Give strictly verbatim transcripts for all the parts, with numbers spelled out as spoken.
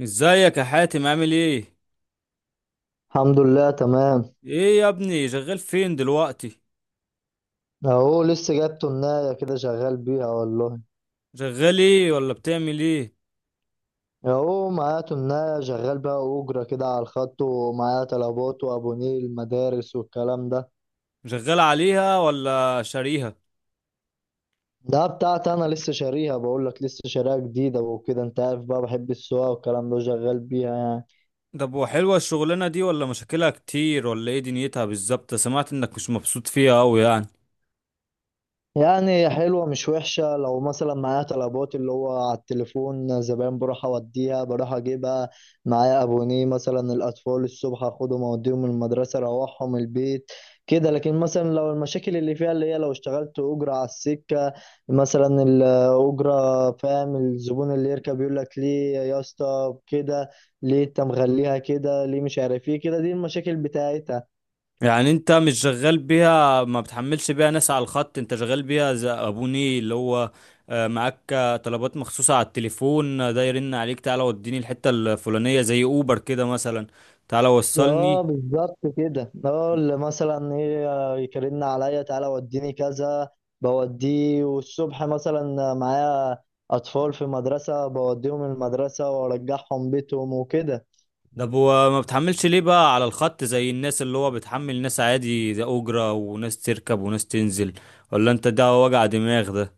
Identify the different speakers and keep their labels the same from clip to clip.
Speaker 1: ازيك يا حاتم، عامل ايه؟
Speaker 2: الحمد لله تمام.
Speaker 1: ايه يا ابني، شغال فين دلوقتي؟
Speaker 2: اهو لسه جايب تناية كده شغال بيها والله.
Speaker 1: شغال ايه ولا بتعمل ايه؟
Speaker 2: اهو معايا تناية شغال بيها أجرة كده على الخط، ومعايا طلبات وأبونيه مدارس والكلام ده.
Speaker 1: شغال عليها ولا شاريها؟
Speaker 2: ده بتاعتي أنا لسه شاريها، بقولك لسه شاريها جديدة وكده. أنت عارف بقى بحب السواقة والكلام ده، شغال بيها يعني.
Speaker 1: طب، وحلوة الشغلانة دي ولا مشاكلها كتير ولا ايه دنيتها بالظبط؟ سمعت انك مش مبسوط فيها اوي يعني.
Speaker 2: يعني حلوة مش وحشة. لو مثلا معايا طلبات اللي هو على التليفون زباين، بروح أوديها بروح أجيبها. معايا أبونيه مثلا الأطفال الصبح أخدهم أوديهم المدرسة أروحهم البيت كده. لكن مثلا لو المشاكل اللي فيها اللي هي لو اشتغلت أجرة على السكة، مثلا الأجرة فاهم، الزبون اللي يركب يقول لك ليه يا اسطى كده، ليه انت مغليها كده ليه، مش عارف ايه كده. دي المشاكل بتاعتها.
Speaker 1: يعني انت مش شغال بيها، ما بتحملش بيها ناس على الخط، انت شغال بيها زي ابو نيل، اللي هو آه، معاك، آه، طلبات مخصوصة على التليفون، آه، ده يرن عليك تعالى وديني الحتة الفلانية، زي اوبر كده مثلا، تعالى وصلني.
Speaker 2: اه بالظبط كده، اه اللي مثلا ايه، يكلمنا عليا تعالى وديني كذا بوديه. والصبح مثلا معايا اطفال في مدرسة بوديهم المدرسة وارجعهم بيتهم وكده.
Speaker 1: طب وما بتحملش ليه بقى على الخط زي الناس، اللي هو بتحمل ناس عادي، ده أجرة وناس تركب وناس تنزل، ولا انت ده وجع دماغ ده؟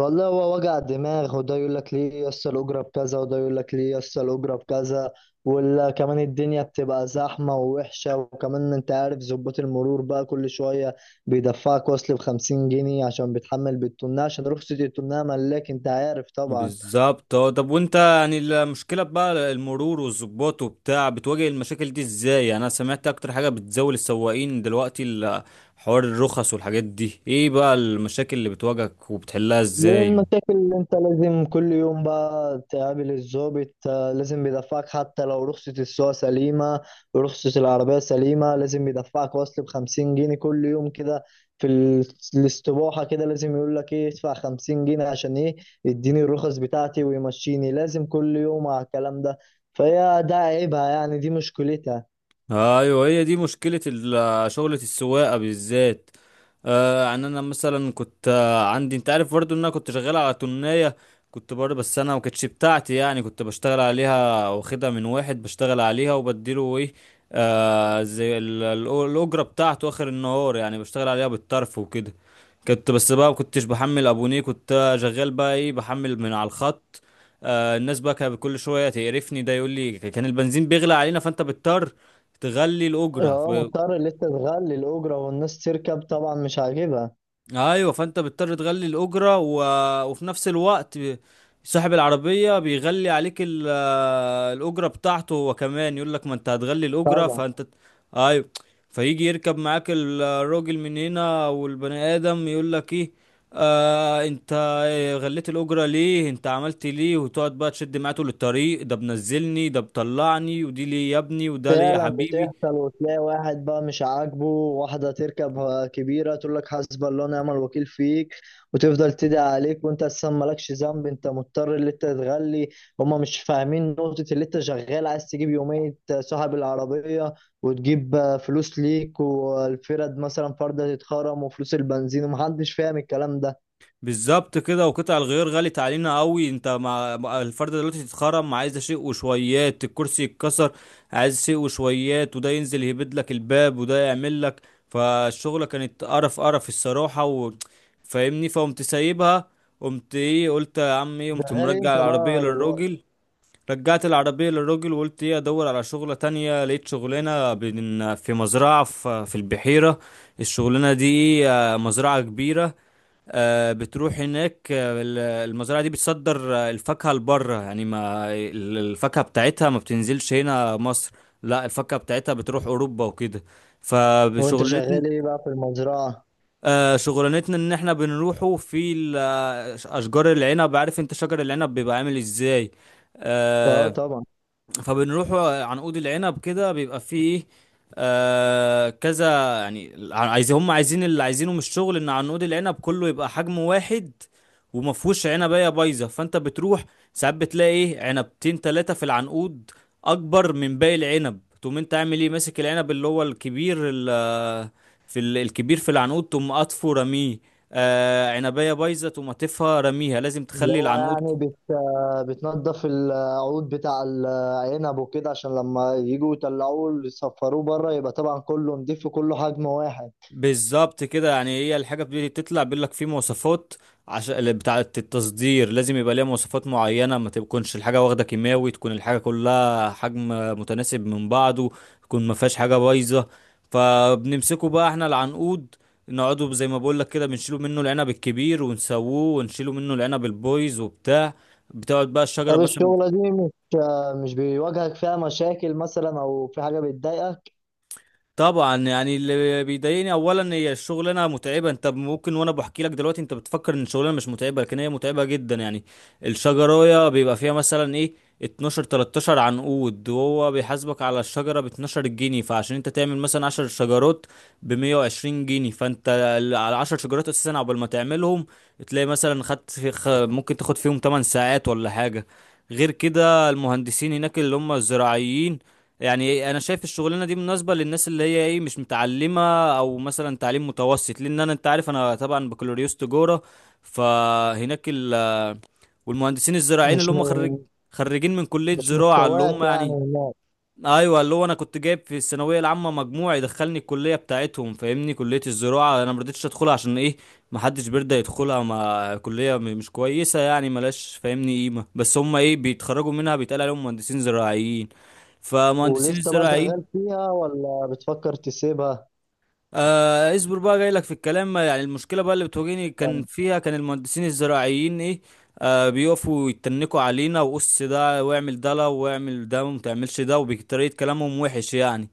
Speaker 2: والله هو وجع دماغ، وده يقول لك ليه يسطا الأجرة بكذا، وده يقول لك ليه يسطا الأجرة بكذا. وكمان الدنيا بتبقى زحمة ووحشة، وكمان أنت عارف ظباط المرور بقى كل شوية بيدفعك وصل بخمسين جنيه عشان بتحمل بالتونة، عشان رخصة التونة ملاك أنت عارف طبعا.
Speaker 1: بالظبط. اه، طب وانت يعني المشكلة بقى المرور والظباط وبتاع، بتواجه المشاكل دي ازاي؟ يعني انا سمعت اكتر حاجة بتزاول السواقين دلوقتي ال- حوار الرخص والحاجات دي، ايه بقى المشاكل اللي بتواجهك وبتحلها ازاي؟
Speaker 2: المشاكل اللي انت لازم كل يوم بقى تقابل الضابط، آه، لازم بيدفعك حتى لو رخصة السواقة سليمة، رخصة العربية سليمة، لازم بيدفعك وصل بخمسين جنيه كل يوم كده. في ال- الاستباحة كده، لازم يقول لك ايه ادفع خمسين جنيه عشان ايه، يديني الرخص بتاعتي ويمشيني، لازم كل يوم على الكلام ده. فهي ده عيبها يعني، دي مشكلتها.
Speaker 1: ايوه هي دي مشكله ال- شغله السواقه بالذات. آه يعني انا مثلا كنت، آه، عندي، انت عارف برضو ان انا كنت شغال على تنية. كنت برضو، بس انا ما كانتش بتاعتي يعني، كنت بشتغل عليها واخدها من واحد بشتغل عليها وبديله ايه، آه، زي ال- ال- الاجره بتاعته اخر النهار، يعني بشتغل عليها بالطرف وكده. كنت بس بقى ما كنتش بحمل ابونيه، كنت شغال بقى ايه، بحمل من على الخط. آه، الناس بقى كانت كل شويه تقرفني، ده يقول لي كان البنزين بيغلى علينا فانت بتضطر تغلي الأجرة
Speaker 2: اه
Speaker 1: ف...
Speaker 2: مضطر اللي انت تغلي الأجرة، والناس تركب طبعا مش عاجبها.
Speaker 1: أيوة، فأنت بتضطر تغلي الأجرة و... وفي نفس الوقت ب- صاحب العربية بيغلي عليك ال... الأجرة بتاعته، هو كمان يقول لك ما أنت هتغلي الأجرة
Speaker 2: طبعا.
Speaker 1: فأنت. أيوة، فيجي يركب معاك الراجل من هنا، والبني آدم يقول لك إيه، آه انت غليت الاجره ليه، انت عملت ليه، وتقعد بقى تشد معاه طول الطريق، ده بنزلني ده بطلعني ودي ليه يا ابني وده ليه يا
Speaker 2: فعلا
Speaker 1: حبيبي.
Speaker 2: بتحصل، وتلاقي واحد بقى مش عاجبه، واحدة تركب كبيرة تقول لك حسب الله ونعم الوكيل فيك، وتفضل تدعي عليك، وانت اساسا مالكش ذنب، انت مضطر اللي انت تغلي. هما مش فاهمين نقطة اللي انت شغال عايز تجيب يومية صاحب العربية، وتجيب فلوس ليك، والفرد مثلا فردة تتخرم، وفلوس البنزين، ومحدش فاهم الكلام ده.
Speaker 1: بالظبط كده. وقطع الغيار غلت علينا قوي، انت مع مع الفرده دلوقتي تتخرم، عايزه شيء وشويات، الكرسي يتكسر عايز شيء وشويات، وده ينزل يهبد لك الباب، وده يعمل لك. فالشغله كانت قرف قرف الصراحه و... فاهمني، فقمت سايبها. قمت ايه، قلت يا عم ايه، قمت
Speaker 2: شغال ايه
Speaker 1: مرجع
Speaker 2: انت
Speaker 1: العربيه
Speaker 2: بقى دلوقتي؟
Speaker 1: للراجل. رجعت العربية للراجل وقلت ايه، ادور على شغلة تانية. لقيت شغلانة بن- في مزرعة في في البحيرة. الشغلانة دي ايه، آه، مزرعة كبيرة. آه، بتروح هناك. آه، ال- المزرعة دي بتصدر آه، الفاكهة لبره، يعني ما ال- الفاكهة بتاعتها ما بتنزلش هنا مصر، لا، الفاكهة بتاعتها بتروح أوروبا وكده.
Speaker 2: وانت
Speaker 1: فشغلانتنا،
Speaker 2: شغال ايه بقى في المزرعة؟
Speaker 1: آه، شغلانتنا ان احنا بنروحوا في ال- آه، اشجار العنب، عارف انت شجر العنب بيبقى عامل ازاي،
Speaker 2: اه
Speaker 1: آه.
Speaker 2: طبعا.
Speaker 1: فبنروح عنقود العنب كده بيبقى فيه ايه، آه كذا. يعني ع- عايزين، هم عايزين اللي عايزينه من الشغل ان عنقود العنب كله يبقى حجم واحد، وما فيهوش عنبية بايظة. فانت بتروح ساعات بتلاقي ايه، عنبتين تلاتة في العنقود اكبر من باقي العنب، تقوم انت عامل ايه، ماسك العنب اللي هو الكبير ال- في ال- الكبير في العنقود تقوم قاطفه رميه. آه، عنبية بايظة تقوم قاطفها رميها، لازم
Speaker 2: اللي
Speaker 1: تخلي
Speaker 2: هو
Speaker 1: العنقود
Speaker 2: يعني بت... بتنضف العود بتاع العنب وكده، عشان لما يجوا يطلعوه يصفروه بره يبقى طبعا كله نضيف وكله حجم واحد.
Speaker 1: بالظبط كده، يعني هي الحاجة بتبتدي تطلع بيقول لك في مواصفات، عشان بتاعة التصدير لازم يبقى ليها مواصفات معينة، ما تكونش الحاجة واخدة كيماوي، تكون الحاجة كلها حجم متناسب من بعضه، تكون ما فيهاش حاجة بايظة. فبنمسكه بقى احنا العنقود، نقعده زي ما بقول لك كده، بنشيله منه العنب الكبير ونسووه، ونشيله منه العنب البويز وبتاع، بتقعد بقى الشجرة
Speaker 2: طب
Speaker 1: مثلا.
Speaker 2: الشغلة دي مش مش بيواجهك فيها مشاكل مثلا أو في حاجة بتضايقك؟
Speaker 1: طبعا يعني اللي بيضايقني اولا هي الشغلانه متعبه، انت ممكن وانا بحكي لك دلوقتي انت بتفكر ان الشغلانه مش متعبه، لكن هي متعبه جدا يعني. الشجرايه بيبقى فيها مثلا ايه، اتناشر تلتاشر عنقود، وهو بيحاسبك على الشجره ب اتناشر جنيه، فعشان انت تعمل مثلا عشرة شجرات ب مئة وعشرين جنيه، فانت ال- على عشر شجرات اساسا عقبال ما تعملهم، تلاقي مثلا خدت في خ... ممكن تاخد فيهم تمان ساعات ولا حاجه. غير كده المهندسين هناك اللي هم الزراعيين، يعني انا شايف الشغلانه دي مناسبه للناس اللي هي ايه، مش متعلمه، او مثلا تعليم متوسط، لان انا انت عارف انا طبعا بكالوريوس تجاره. فهناك ال... والمهندسين الزراعيين
Speaker 2: مش
Speaker 1: اللي
Speaker 2: م...
Speaker 1: هم خريج، خريجين من كليه
Speaker 2: مش
Speaker 1: زراعه، اللي
Speaker 2: مستواك
Speaker 1: هم
Speaker 2: يعني
Speaker 1: يعني،
Speaker 2: هناك؟
Speaker 1: ايوه اللي هو انا كنت جايب في الثانويه العامه مجموع يدخلني الكليه بتاعتهم، فاهمني، كليه الزراعه انا ما رضيتش ادخلها عشان ايه، ما حدش بيرضى يدخلها، ما كليه م- مش كويسه يعني، ملاش فاهمني قيمه، بس هم ايه، بيتخرجوا منها بيتقال عليهم مهندسين زراعيين. فمهندسين
Speaker 2: ولسه بقى
Speaker 1: الزراعيين،
Speaker 2: شغال فيها ولا بتفكر تسيبها؟
Speaker 1: آه اصبر بقى جاي لك في الكلام، يعني المشكله بقى اللي بتواجهني كان
Speaker 2: يعني
Speaker 1: فيها، كان المهندسين الزراعيين ايه، آه بيقفوا يتنكوا علينا وقص، ده واعمل ده، لا واعمل ده وما تعملش ده، وبطريقه كلامهم وحش يعني،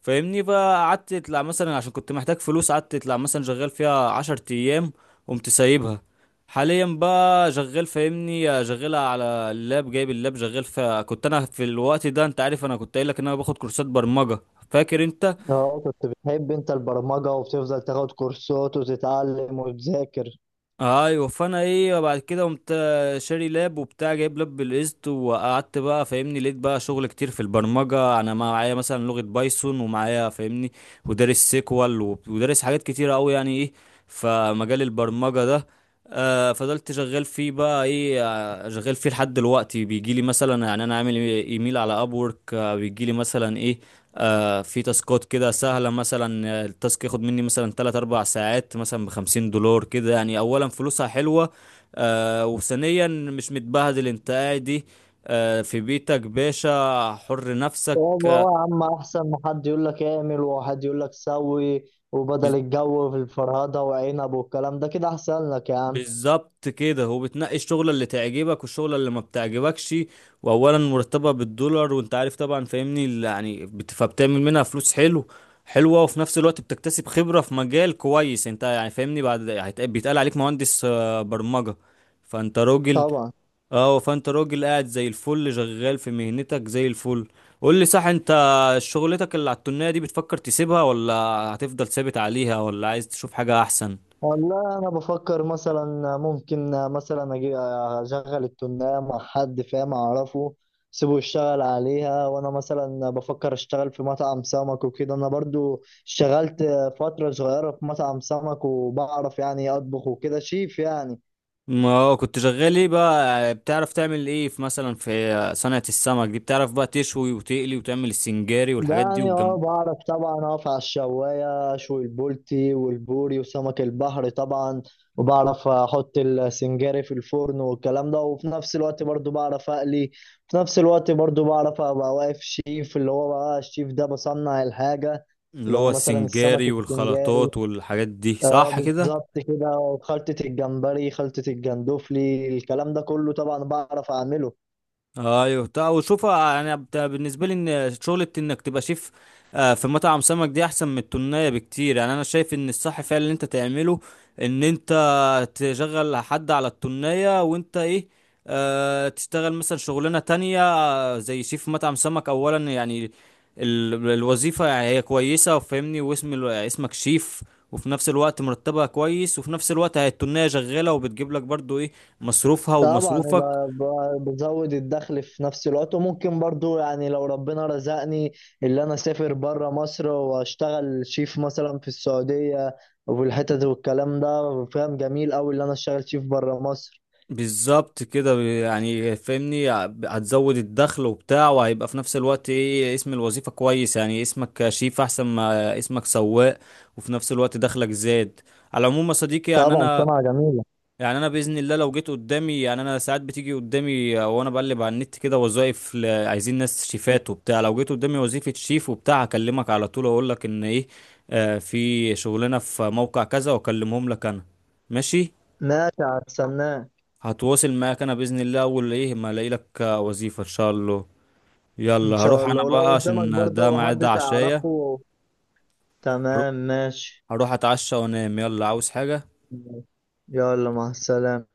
Speaker 1: فاهمني، فقعدت اطلع مثلا عشان كنت محتاج فلوس، قعدت اطلع مثلا شغال فيها عشر ايام، قمت سايبها. حاليا بقى شغال فاهمني، شغال على اللاب، جايب اللاب شغال ف، كنت انا في الوقت ده انت عارف انا كنت قايل لك ان انا باخد كورسات برمجه، فاكر انت؟
Speaker 2: اه كنت بتحب انت البرمجة وبتفضل تاخد كورسات وتتعلم وتذاكر.
Speaker 1: ايوه فانا ايه بعد كده قمت شاري لاب وبتاع، جايب لاب بالقسط، وقعدت بقى فاهمني، لقيت بقى شغل كتير في البرمجه، انا معايا مثلا لغه بايثون ومعايا فاهمني، ودارس سيكوال وب- ودارس حاجات كتيره قوي يعني ايه. فمجال البرمجه ده، آه فضلت شغال فيه بقى ايه، آه، شغال فيه لحد دلوقتي، بيجي لي مثلا، يعني انا عامل ايميل على ابورك، آه بيجي لي مثلا ايه، آه في تاسكات كده سهلة مثلا، آه، التاسك ياخد مني مثلا تلات اربع ساعات مثلا ب خمسين دولار كده، يعني أولا فلوسها حلوة، آه وثانيا مش متبهدل، انت قاعد آه في بيتك باشا حر نفسك.
Speaker 2: هو هو يا عم احسن ما حد يقول لك اعمل وحد يقول لك سوي،
Speaker 1: آه،
Speaker 2: وبدل الجو في الفرهده وعنب والكلام ده كده احسن لك يا عم.
Speaker 1: بالظبط كده، هو بتنقي الشغلة اللي تعجبك والشغلة اللي ما بتعجبكش، واولا مرتبها بالدولار، وانت عارف طبعا فاهمني، ال- يعني بت- فبتعمل منها فلوس حلو حلوة، وفي نفس الوقت بتكتسب خبرة في مجال كويس انت، يعني فاهمني بعد هيت- بيتقال عليك مهندس آه، برمجة، فانت راجل.
Speaker 2: طبعا.
Speaker 1: اه فانت راجل قاعد زي الفل شغال في مهنتك زي الفل. قول لي صح، انت شغلتك اللي على التنية دي بتفكر تسيبها، ولا هتفضل ثابت عليها، ولا عايز تشوف حاجة احسن؟
Speaker 2: والله انا بفكر مثلا ممكن مثلا اجي اشغل التنية مع حد فاهم اعرفه سيبه يشتغل عليها، وانا مثلا بفكر اشتغل في مطعم سمك وكده. انا برضو اشتغلت فترة صغيرة في مطعم سمك، وبعرف يعني اطبخ وكده، شيف يعني.
Speaker 1: ما هو كنت شغال ايه بقى، بتعرف تعمل ايه في مثلا في صنعة السمك دي، بتعرف بقى تشوي وتقلي وتعمل السنجاري
Speaker 2: ده
Speaker 1: والحاجات دي
Speaker 2: يعني اه
Speaker 1: والجم،
Speaker 2: بعرف طبعا اقف على الشواية اشوي البولتي والبوري وسمك البحر طبعا، وبعرف احط السنجاري في الفرن والكلام ده. وفي نفس الوقت برضو بعرف اقلي، في نفس الوقت برضو بعرف ابقى واقف شيف، اللي هو بقى الشيف ده بصنع الحاجة.
Speaker 1: اللي
Speaker 2: اللي هو
Speaker 1: هو
Speaker 2: مثلا السمك
Speaker 1: السنجاري
Speaker 2: السنجاري،
Speaker 1: والخلطات والحاجات دي
Speaker 2: اه
Speaker 1: صح كده؟
Speaker 2: بالظبط كده، خلطة الجمبري، خلطة الجندوفلي، الكلام ده كله طبعا بعرف اعمله.
Speaker 1: ايوه، تا- وشوف انا بت- بالنسبه لي ان شغله انك تبقى شيف آه، في مطعم سمك دي احسن من التونية بكتير. يعني انا شايف ان الصح فعلا اللي انت تعمله ان انت تشغل حد على التونية وانت ايه، آه تشتغل مثلا شغلانه تانية، آه، زي شيف مطعم سمك، اولا يعني ال- الوظيفه يعني هي كويسه فاهمني، واسم ال- اسمك شيف، وفي نفس الوقت مرتبها كويس، وفي نفس الوقت هي التونية شغاله وبتجيب لك برضو ايه، مصروفها
Speaker 2: طبعا،
Speaker 1: ومصروفك.
Speaker 2: يبقى ب- بزود الدخل في نفس الوقت. وممكن برضو يعني لو ربنا رزقني اللي انا اسافر بره مصر واشتغل شيف مثلا في السعودية، وفي الحتت والكلام ده، فاهم؟ جميل اوي اللي انا اشتغل شيف بره مصر.
Speaker 1: بالظبط كده يعني فاهمني، هتزود الدخل وبتاع، وهيبقى في نفس الوقت ايه، اسم الوظيفة كويس يعني، اسمك شيف احسن ما اسمك سواق، وفي نفس الوقت دخلك زاد. على العموم يا صديقي، يعني
Speaker 2: طبعا،
Speaker 1: انا
Speaker 2: سمعة جميلة.
Speaker 1: يعني انا بإذن الله لو جيت قدامي، يعني انا ساعات بتيجي قدامي وانا بقلب على النت كده وظائف ل- عايزين ناس شيفات وبتاع، لو جيت قدامي وظيفة شيف وبتاع هكلمك على طول اقول لك ان ايه، آه في شغلنا في موقع كذا واكلمهم لك انا. ماشي،
Speaker 2: ماشي، هستناه.
Speaker 1: هتواصل معاك انا باذن الله اول ايه ما الاقي لك وظيفه ان شاء الله.
Speaker 2: ان
Speaker 1: يلا
Speaker 2: شاء
Speaker 1: هروح
Speaker 2: الله،
Speaker 1: انا
Speaker 2: ولو
Speaker 1: بقى
Speaker 2: قدامك
Speaker 1: عشان ده
Speaker 2: برضو حد
Speaker 1: ميعاد عشايه.
Speaker 2: تعرفه.
Speaker 1: هروح
Speaker 2: تمام، ماشي.
Speaker 1: هروح اتعشى وانام، يلا عاوز حاجه؟
Speaker 2: يلا مع السلامة.